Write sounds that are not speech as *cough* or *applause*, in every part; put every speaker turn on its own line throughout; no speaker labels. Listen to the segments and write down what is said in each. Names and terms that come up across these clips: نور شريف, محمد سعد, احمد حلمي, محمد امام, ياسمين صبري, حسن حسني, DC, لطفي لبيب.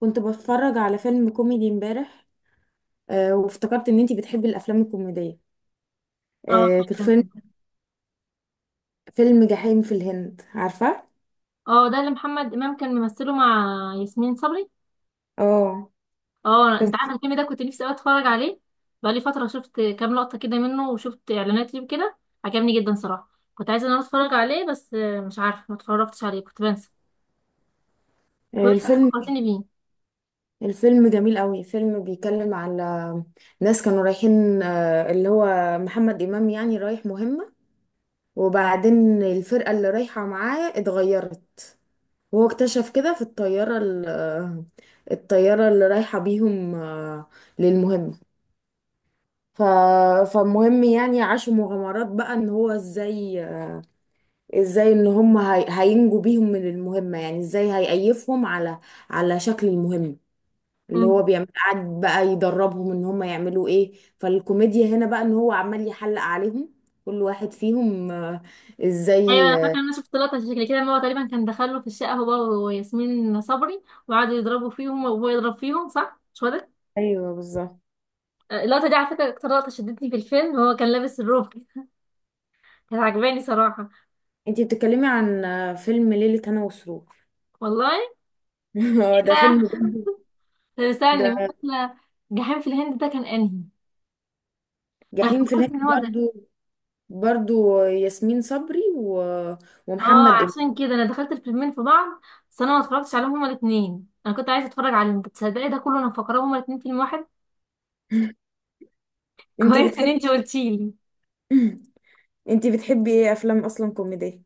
كنت بتفرج على فيلم كوميدي امبارح وافتكرت ان انتي بتحبي الافلام الكوميديه.
اه،
كان
فعلا
فيلم
فعلا.
فيلم جحيم في الهند، عارفه؟
اه ده اللي محمد امام كان ممثله مع ياسمين صبري.
اه،
اه انت عارف
كان-
الفيلم ده كنت نفسي قوي اتفرج عليه، بقالي فتره شفت كام لقطه كده منه وشفت اعلانات ليه كده. عجبني جدا صراحه، كنت عايزه ان انا اتفرج عليه بس مش عارفه، ما اتفرجتش عليه كنت بنسى. كويس انت
الفيلم،
فكرتني بيه.
الفيلم جميل قوي. فيلم بيتكلم على ناس كانوا رايحين، اللي هو محمد امام، يعني رايح مهمه. وبعدين الفرقه اللي رايحه معاه اتغيرت، وهو اكتشف كده في الطياره الطياره اللي رايحه بيهم، للمهمه. ف... فمهم، يعني عاشوا مغامرات بقى ان هو ازاي، ازاي ان هم هينجوا بيهم من المهمة، يعني ازاي هيأيفهم على على شكل المهمة. اللي
مم.
هو بيعمل، قعد بقى يدربهم ان هم يعملوا ايه. فالكوميديا هنا بقى ان هو عمال يحلق عليهم، كل واحد فيهم،
ايوه
ازاي.
انا فاكره ان انا شفت لقطه شكل كده، ان هو تقريبا كان دخله في الشقه هو وياسمين صبري، وقعدوا يضربوا فيهم وهو يضرب فيهم، صح؟ مش هو ده؟
ايوه بالظبط.
اللقطه دي على فكره اكتر لقطه شدتني في الفيلم، هو كان لابس الروب كده. *laughs* كانت عجباني صراحه.
انتي بتتكلمي عن فيلم ليلة هنا وسرور؟
والله
*laughs* هو ده
ده
فيلم برضه.
طب استني
ده
مثلا، جحيم في الهند ده كان انهي؟ انا
جحيم في
فكرت
الهند
ان هو ده.
برضه، برضه ياسمين صبري و...
اه
ومحمد.
عشان كده انا دخلت الفيلمين في بعض، بس انا ما اتفرجتش عليهم هما الاثنين، انا كنت عايزه اتفرج عليهم. كنت تصدقي ده كله انا مفكراه هما الاثنين فيلم واحد! *laughs*
انتي
كويس ان
بتحبي
انت قلتيلي.
*clears throat* انتي بتحبي ايه افلام اصلا كوميدية؟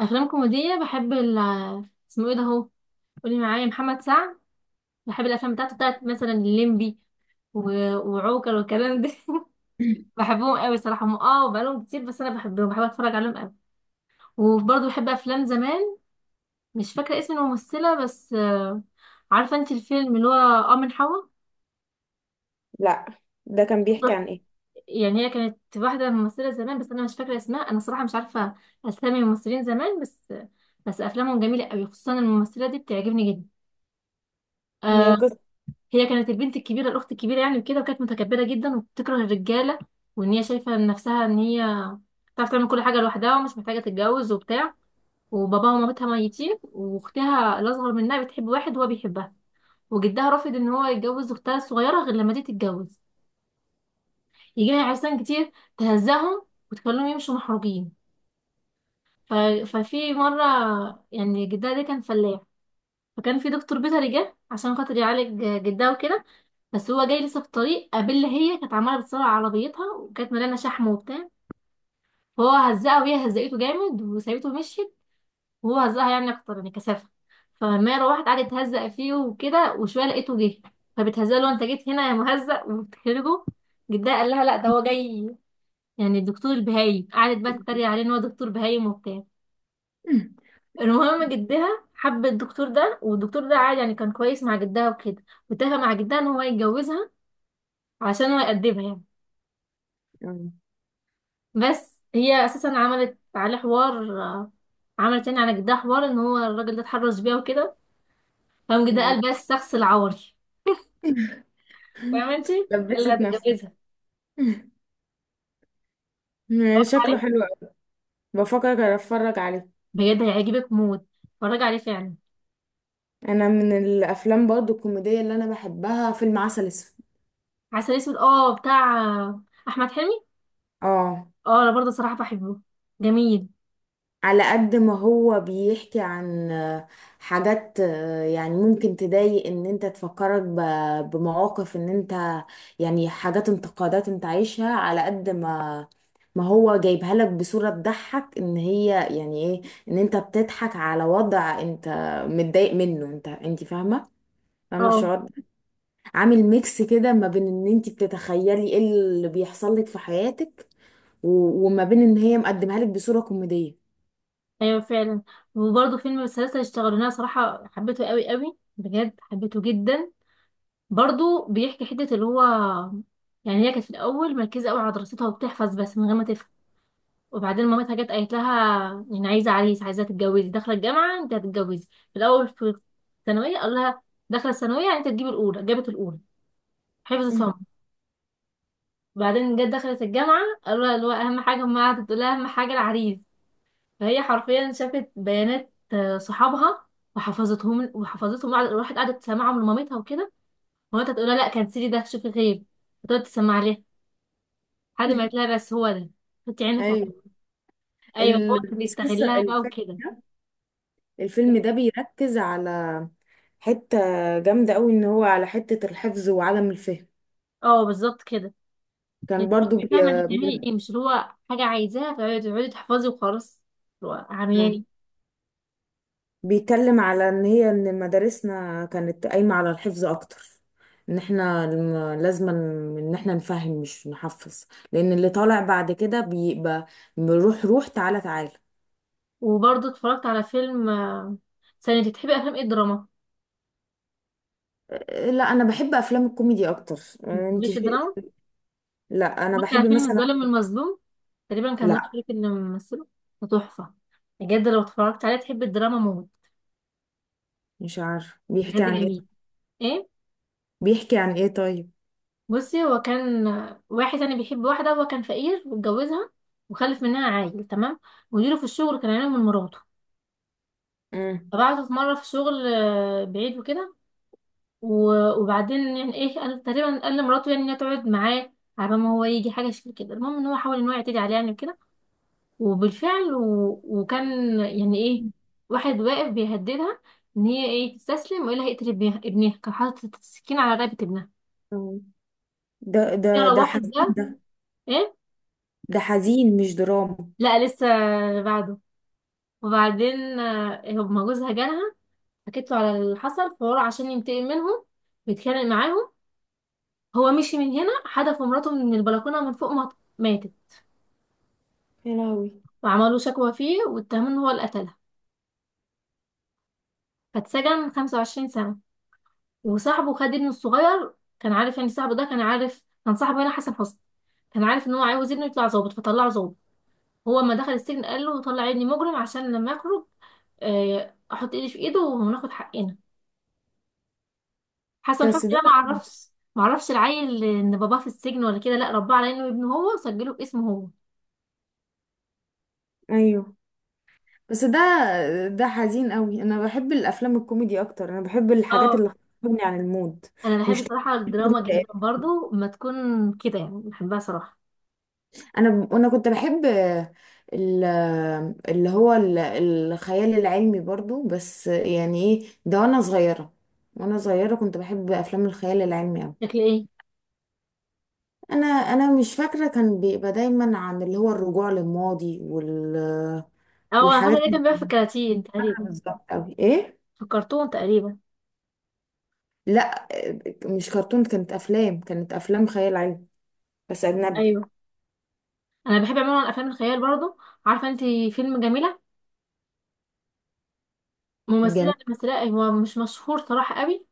افلام كوميديه، بحب ال، اسمه ايه ده اهو، قولي معايا، محمد سعد. بحب الافلام بتاعته، بتاعت مثلا الليمبي وعوكل والكلام ده. *laughs*
*clears throat*
بحبهم قوي صراحه، هم اه بقالهم كتير، بس انا بحبهم، بحب اتفرج عليهم قوي. وبرضه بحب افلام زمان، مش فاكرة اسم الممثلة بس، عارفة انت الفيلم اللي هو اه من حوا؟
لا، ده كان بيحكي عن ايه؟
يعني هي كانت واحدة ممثلة زمان بس انا مش فاكرة اسمها، انا صراحة مش عارفة اسامي الممثلين زمان، بس بس افلامهم جميلة قوي، خصوصا الممثلة دي بتعجبني جدا.
هي
آه،
قصة.
هي كانت البنت الكبيرة، الاخت الكبيرة يعني، وكده وكانت متكبرة جدا وبتكره الرجالة، وان هي شايفة نفسها ان هي بتعرف تعمل كل حاجة لوحدها ومش محتاجة تتجوز وبتاع. وباباها ومامتها ميتين، واختها الاصغر منها بتحب واحد وهو بيحبها، وجدها رافض ان هو يتجوز اختها الصغيره غير لما دي تتجوز. يجي لها عرسان كتير تهزهم وتخليهم يمشوا محروجين. ف... ففي مره، يعني جدها ده كان فلاح، فكان في دكتور بيطري جه عشان خاطر يعالج جدها وكده. بس هو جاي لسه في الطريق، قابل، هي كانت عماله بتسرع عربيتها وكانت مليانه شحم وبتاع، فهو هزقها وهي هزقته جامد وسابته ومشيت، وهو هزقها يعني اكتر يعني كثافه. فالمية روحت قعدت تهزق فيه وكده، وشويه لقيته جه، فبتهزقه له، انت جيت هنا يا مهزق، وبتخرجه. جدها قال لها لا ده هو جاي، يعني الدكتور البهايم. قعدت بقى تتريق عليه ان هو دكتور بهايم وبتاع. المهم جدها حب الدكتور ده، والدكتور ده عادي يعني كان كويس مع جدها وكده، واتفق مع جدها ان هو يتجوزها عشان هو يقدمها يعني.
*clears throat* آه،
بس هي اساسا عملت عليه حوار، عملت يعني على جدها حوار ان هو الراجل ده اتحرش بيها وكده. فقام جدها
يعني
قال بس شخص العوري.
*laughs*
فاهمة انت؟ اللي
لبست نفسك.
هتتجوزها.
*clears throat* *laughs*
اتفرجت
شكله
عليه،
حلو قوي، بفكر اتفرج عليه.
بجد هيعجبك موت، اتفرج عليه فعلا.
انا من الافلام برضو الكوميدية اللي انا بحبها فيلم عسل اسود.
عسل اسود اه بتاع احمد حلمي.
اه.
اه انا برضه صراحة بحبه، جميل.
على قد ما هو بيحكي عن حاجات، يعني ممكن تضايق ان انت، تفكرك بمواقف ان انت، يعني حاجات انتقادات انت عايشها. على قد ما ما هو جايبها لك بصورة تضحك، ان هي يعني ايه، ان انت بتضحك على وضع انت متضايق منه. انت انت فاهمة؟ فاهمة
اه
الشعور ده؟ عامل ميكس كده ما بين ان انت بتتخيلي ايه اللي بيحصل لك في حياتك، و- وما بين ان هي مقدمها لك بصورة كوميدية.
ايوه فعلا. وبرضه فيلم السلاسل اشتغلوا لنا صراحة، حبيته قوي قوي، بجد حبيته جدا. برضه بيحكي حتة اللي هو، يعني هي كانت في الاول مركزة قوي على دراستها وبتحفظ بس من غير ما تفهم. وبعدين مامتها جت قالت لها، يعني عايزه عريس، عايزه تتجوزي، داخله الجامعه انت هتتجوزي. في الاول في الثانويه قال لها، داخله الثانويه يعني انت تجيبي الاولى، جابت الاولى حفظ
مم.
صم. وبعدين جت دخلت الجامعه قالوا لها اللي هو اهم حاجه، ما قعدت تقول لها اهم حاجه العريس. فهي حرفيا شافت بيانات صحابها وحفظتهم وحفظتهم، راحت قعدت تسمعهم لمامتها وكده. مامتها تقول لها لا كنسلي ده، شوفي غير، فتقعد تسمع لها لحد ما قالت لها بس هو ده، حطي عينك عليه.
ايوه.
ايوه هو كان بيستغلها بقى
الفيلم
وكده.
ده، الفيلم ده بيركز على حتة جامدة قوي، ان هو على حتة الحفظ وعدم الفهم.
اه بالظبط كده.
كان
انت
برضو
بتبقي فاهمه انت بتعملي ايه، مش اللي هو حاجه عايزاها فتقعدي تقعدي تحفظي وخلاص، اللي هو
من...
عمياني.
بيتكلم على ان هي، ان مدارسنا كانت قايمة على الحفظ اكتر، ان احنا لازم ان احنا نفهم مش نحفظ. لان اللي طالع بعد كده بيبقى بيروح، روح تعالى تعالى.
وبرضه اتفرجت على فيلم ثانية، انت بتحبي افلام ايه، الدراما؟
أه، لا، انا بحب افلام الكوميدي اكتر.
ما
أه،
بتحبيش الدراما؟
لا انا
اتفرجت
بحب
على فيلم
مثلا.
الظالم المظلوم، تقريبا كان نور
لا
شريف اللي ممثله، ده تحفه، بجد لو اتفرجت عليه تحبي الدراما موت،
مش عارفه بيحكي
بجد
عن ايه،
جميل. ايه؟
بيحكي عن ايه طيب؟
بصي، هو كان واحد يعني بيحب واحده، هو كان فقير واتجوزها وخلف منها عيل، تمام؟ مديره في الشغل كان عينه من مراته،
امم.
فبعته في مره في شغل بعيد وكده. وبعدين يعني ايه، قال تقريبا قال لمراته يعني انها تقعد معاه على ما هو يجي، حاجه شكل كده. المهم ان هو حاول ان هو يعتدي عليها يعني كده، وبالفعل وكان يعني ايه، واحد واقف بيهددها ان هي ايه، تستسلم ولا هيقتل ابنها. ابنها كان حاطط السكين على رقبه ابنها.
أوه. ده
يلا
ده
واحد
حزين
ده.
ده.
ايه؟
ده حزين، مش دراما.
لا لسه، بعده. وبعدين هما جوزها جالها، حكيت له على اللي حصل، فهو عشان ينتقم منهم بيتخانق معاهم. هو مشي من هنا، حدف مراته من البلكونه من فوق، ما ماتت.
يا لهوي.
وعملوا شكوى فيه واتهموه ان هو اللي قتلها، فاتسجن 25 سنة. وصاحبه خد ابنه الصغير، كان عارف يعني، صاحبه ده كان عارف، كان صاحبه هنا حسن حسني، كان عارف ان هو عاوز ابنه يطلع ظابط فطلعه ظابط. هو لما دخل السجن قال له طلع ابني مجرم، عشان لما يخرج، احط ايدي في ايده وناخد حقنا. حسن
بس
حسني ده ما
ده،
عرفش ما عرفش العيل ان باباه في السجن ولا كده، لا رباه على انه ابنه هو وسجله باسمه هو.
ايوه بس ده، ده حزين قوي. انا بحب الافلام الكوميدي اكتر، انا بحب الحاجات
اه
اللي بتغني عن المود.
انا بحب
مش
صراحة
تكون-
الدراما جدا برضو، ما تكون كده يعني بحبها صراحة.
انا كنت بحب ال- الخيال العلمي برضو، بس يعني ايه ده وانا صغيرة. وانا صغيرة كنت بحب افلام الخيال العلمي.
شكل ايه؟
انا مش فاكره، كان بيبقى دايما عن اللي هو الرجوع للماضي
اه انا
والحاجات.
فاكره ده
مش
كان بيبقى في الكراتين
فاكره
تقريبا،
بالظبط قوي ايه.
في الكرتون تقريبا.
لا، مش كرتون، كانت افلام، كانت افلام خيال علمي بس اجنبي.
ايوه انا بحب عموما افلام الخيال برضو. عارفه انت فيلم جميله؟ ممثله
جميل.
اللي مثلها هو مش مشهور صراحه قوي،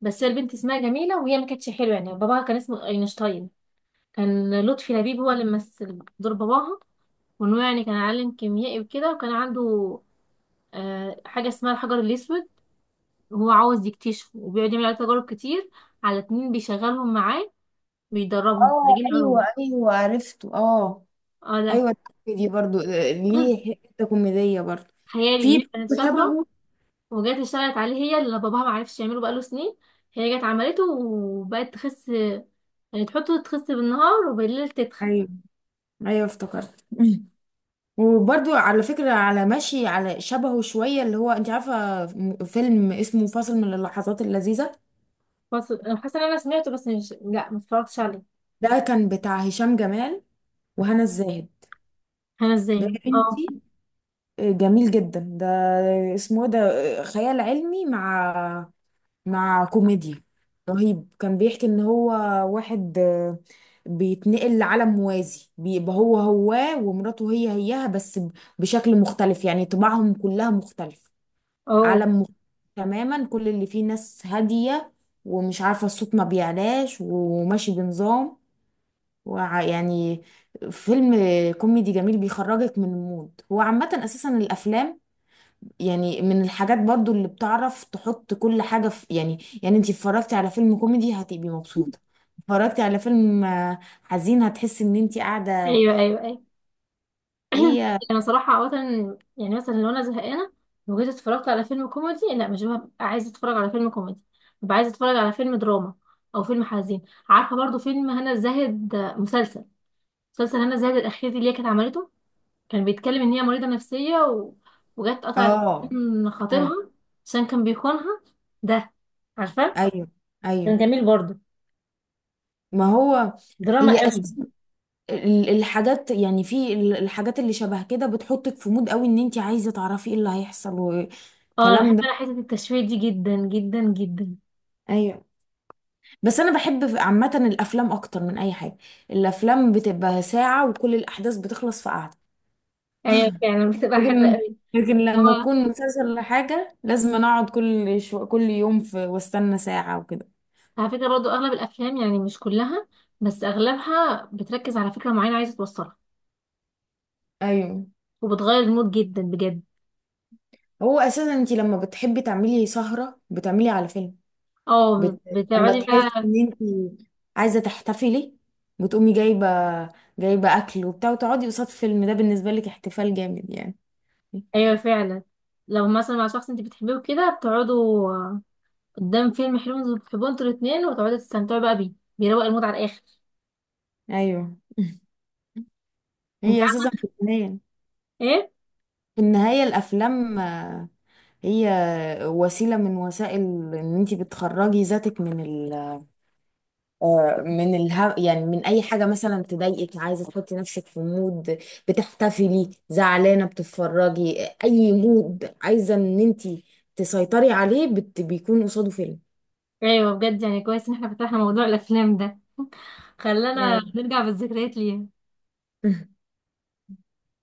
بس هي البنت اسمها جميله وهي ما كانتش حلوه يعني. باباها كان اسمه اينشتاين، كان لطفي لبيب هو اللي مثل دور باباها، وانه يعني كان عالم كيميائي وكده، وكان عنده آه حاجه اسمها الحجر الاسود، وهو عاوز يكتشفه وبيقعد يعمل عليه تجارب كتير على اتنين بيشغلهم معاه، بيدربهم،
اه
خريجين علوم.
ايوه ايوه، عرفته، اه.
اه ده.
ايوه، دي برضو،
*clears throat*
ليه حته كوميديه برضو.
خيالي ان
في
هي كانت شاطره،
شبهه.
وجات اشتغلت عليه هي اللي باباها ما عرفش يعمله بقاله سنين، هي جت عملته وبقت تخس، يعني تحطه تخس بالنهار وبالليل تتخن.
ايوه ايوه، افتكرت. *laughs* وبرضو على فكرة على ماشي، على شبهه شوية اللي هو، انت عارفة فيلم اسمه فاصل من اللحظات اللذيذة؟
بس انا حاسه ان انا سمعته بس مش، لا ما اتفرجتش عليه.
ده كان بتاع هشام جمال وهنا الزاهد.
انا
ده
ازاي،
يا
اه.
بنتي، جميل جدا ده. اسمه إيه ده، خيال علمي مع مع كوميديا. رهيب. كان بيحكي ان هو واحد، بيتنقل لعالم موازي، بيبقى هو هو ومراته هي هيها، بس بشكل مختلف، يعني طباعهم كلها مختلف.
اه
عالم مختلف تماما، كل اللي فيه ناس هادية، ومش عارفة الصوت ما بيعلاش، وماشي بنظام. يعني، فيلم كوميدي جميل، بيخرجك من المود. هو عامة أساسا الأفلام، يعني من الحاجات برضو اللي بتعرف تحط كل حاجة في، يعني يعني انتي اتفرجتي على فيلم كوميدي هتبقي مبسوطة، اتفرجتي على فيلم حزين هتحسي ان انتي قاعدة.
ايوه ايوه ايوه. *clears throat*
هي.
انا صراحه عاده، يعني مثلا لو انا زهقانه وجيت اتفرجت على فيلم كوميدي، لا مش ببقى عايزه اتفرج على فيلم كوميدي، ببقى عايزه اتفرج على فيلم دراما او فيلم حزين. عارفه برضو فيلم هنا الزاهد، مسلسل مسلسل هنا زاهد الأخير دي اللي هي كانت عملته، كان بيتكلم إن هي مريضة نفسية وجت قطعت
اه
من
ايوه
خطيبها عشان كان بيخونها. ده عارفة،
ايوه
كان
ايوه.
جميل برضه،
ما هو،
دراما
هي
قوي.
أساسا الحاجات، يعني في الحاجات اللي شبه كده بتحطك في مود قوي، ان انت عايزه تعرفي ايه اللي هيحصل
اه انا
والكلام
بحب،
ده.
انا حته التشويق دي جدا جدا جدا.
ايوه. بس انا بحب عامه الافلام اكتر من اي حاجه. الافلام بتبقى ساعه وكل الاحداث بتخلص في قعده.
ايوه يعني بتبقى حلوه
لكن
قوي.
لكن
اللي
لما
هو
اكون مسلسل ولا حاجه، لازم أنا اقعد كل كل يوم في... واستنى ساعه وكده.
على فكره برضه اغلب الافلام، يعني مش كلها بس اغلبها، بتركز على فكره معينه عايزه توصلها،
ايوه.
وبتغير المود جدا بجد.
هو اساسا انت لما بتحبي تعملي سهره بتعملي على فيلم.
اه
بت... لما
بتقعدي
تحسي
بقى.
ان انت عايزه تحتفلي بتقومي جايبه، جايبه اكل وبتاع، وتقعدي قصاد فيلم، ده بالنسبه لك احتفال جامد يعني.
ايوه فعلا، لو مثلا مع شخص انت بتحبيه وكده، بتقعدوا قدام فيلم حلو بتحبوه انتوا الاتنين وتقعدوا تستمتعوا بقى بيه، بيروق المود على الاخر.
ايوه *laughs*
انت
هي اساسا
عارف
في النهايه،
ايه،
في النهايه الافلام، هي وسيله من وسائل ان انت بتخرجي ذاتك من ال... آه، من الها، يعني من اي حاجه مثلا تضايقك، عايزه تحطي نفسك في مود، بتحتفلي، زعلانه بتتفرجي، اي مود عايزه ان انت تسيطري عليه بت... بيكون قصاده فيلم،
ايوه بجد يعني كويس ان احنا فتحنا موضوع الافلام ده. *laughs* خلانا
يعني.
نرجع بالذكريات ليها.
*laughs*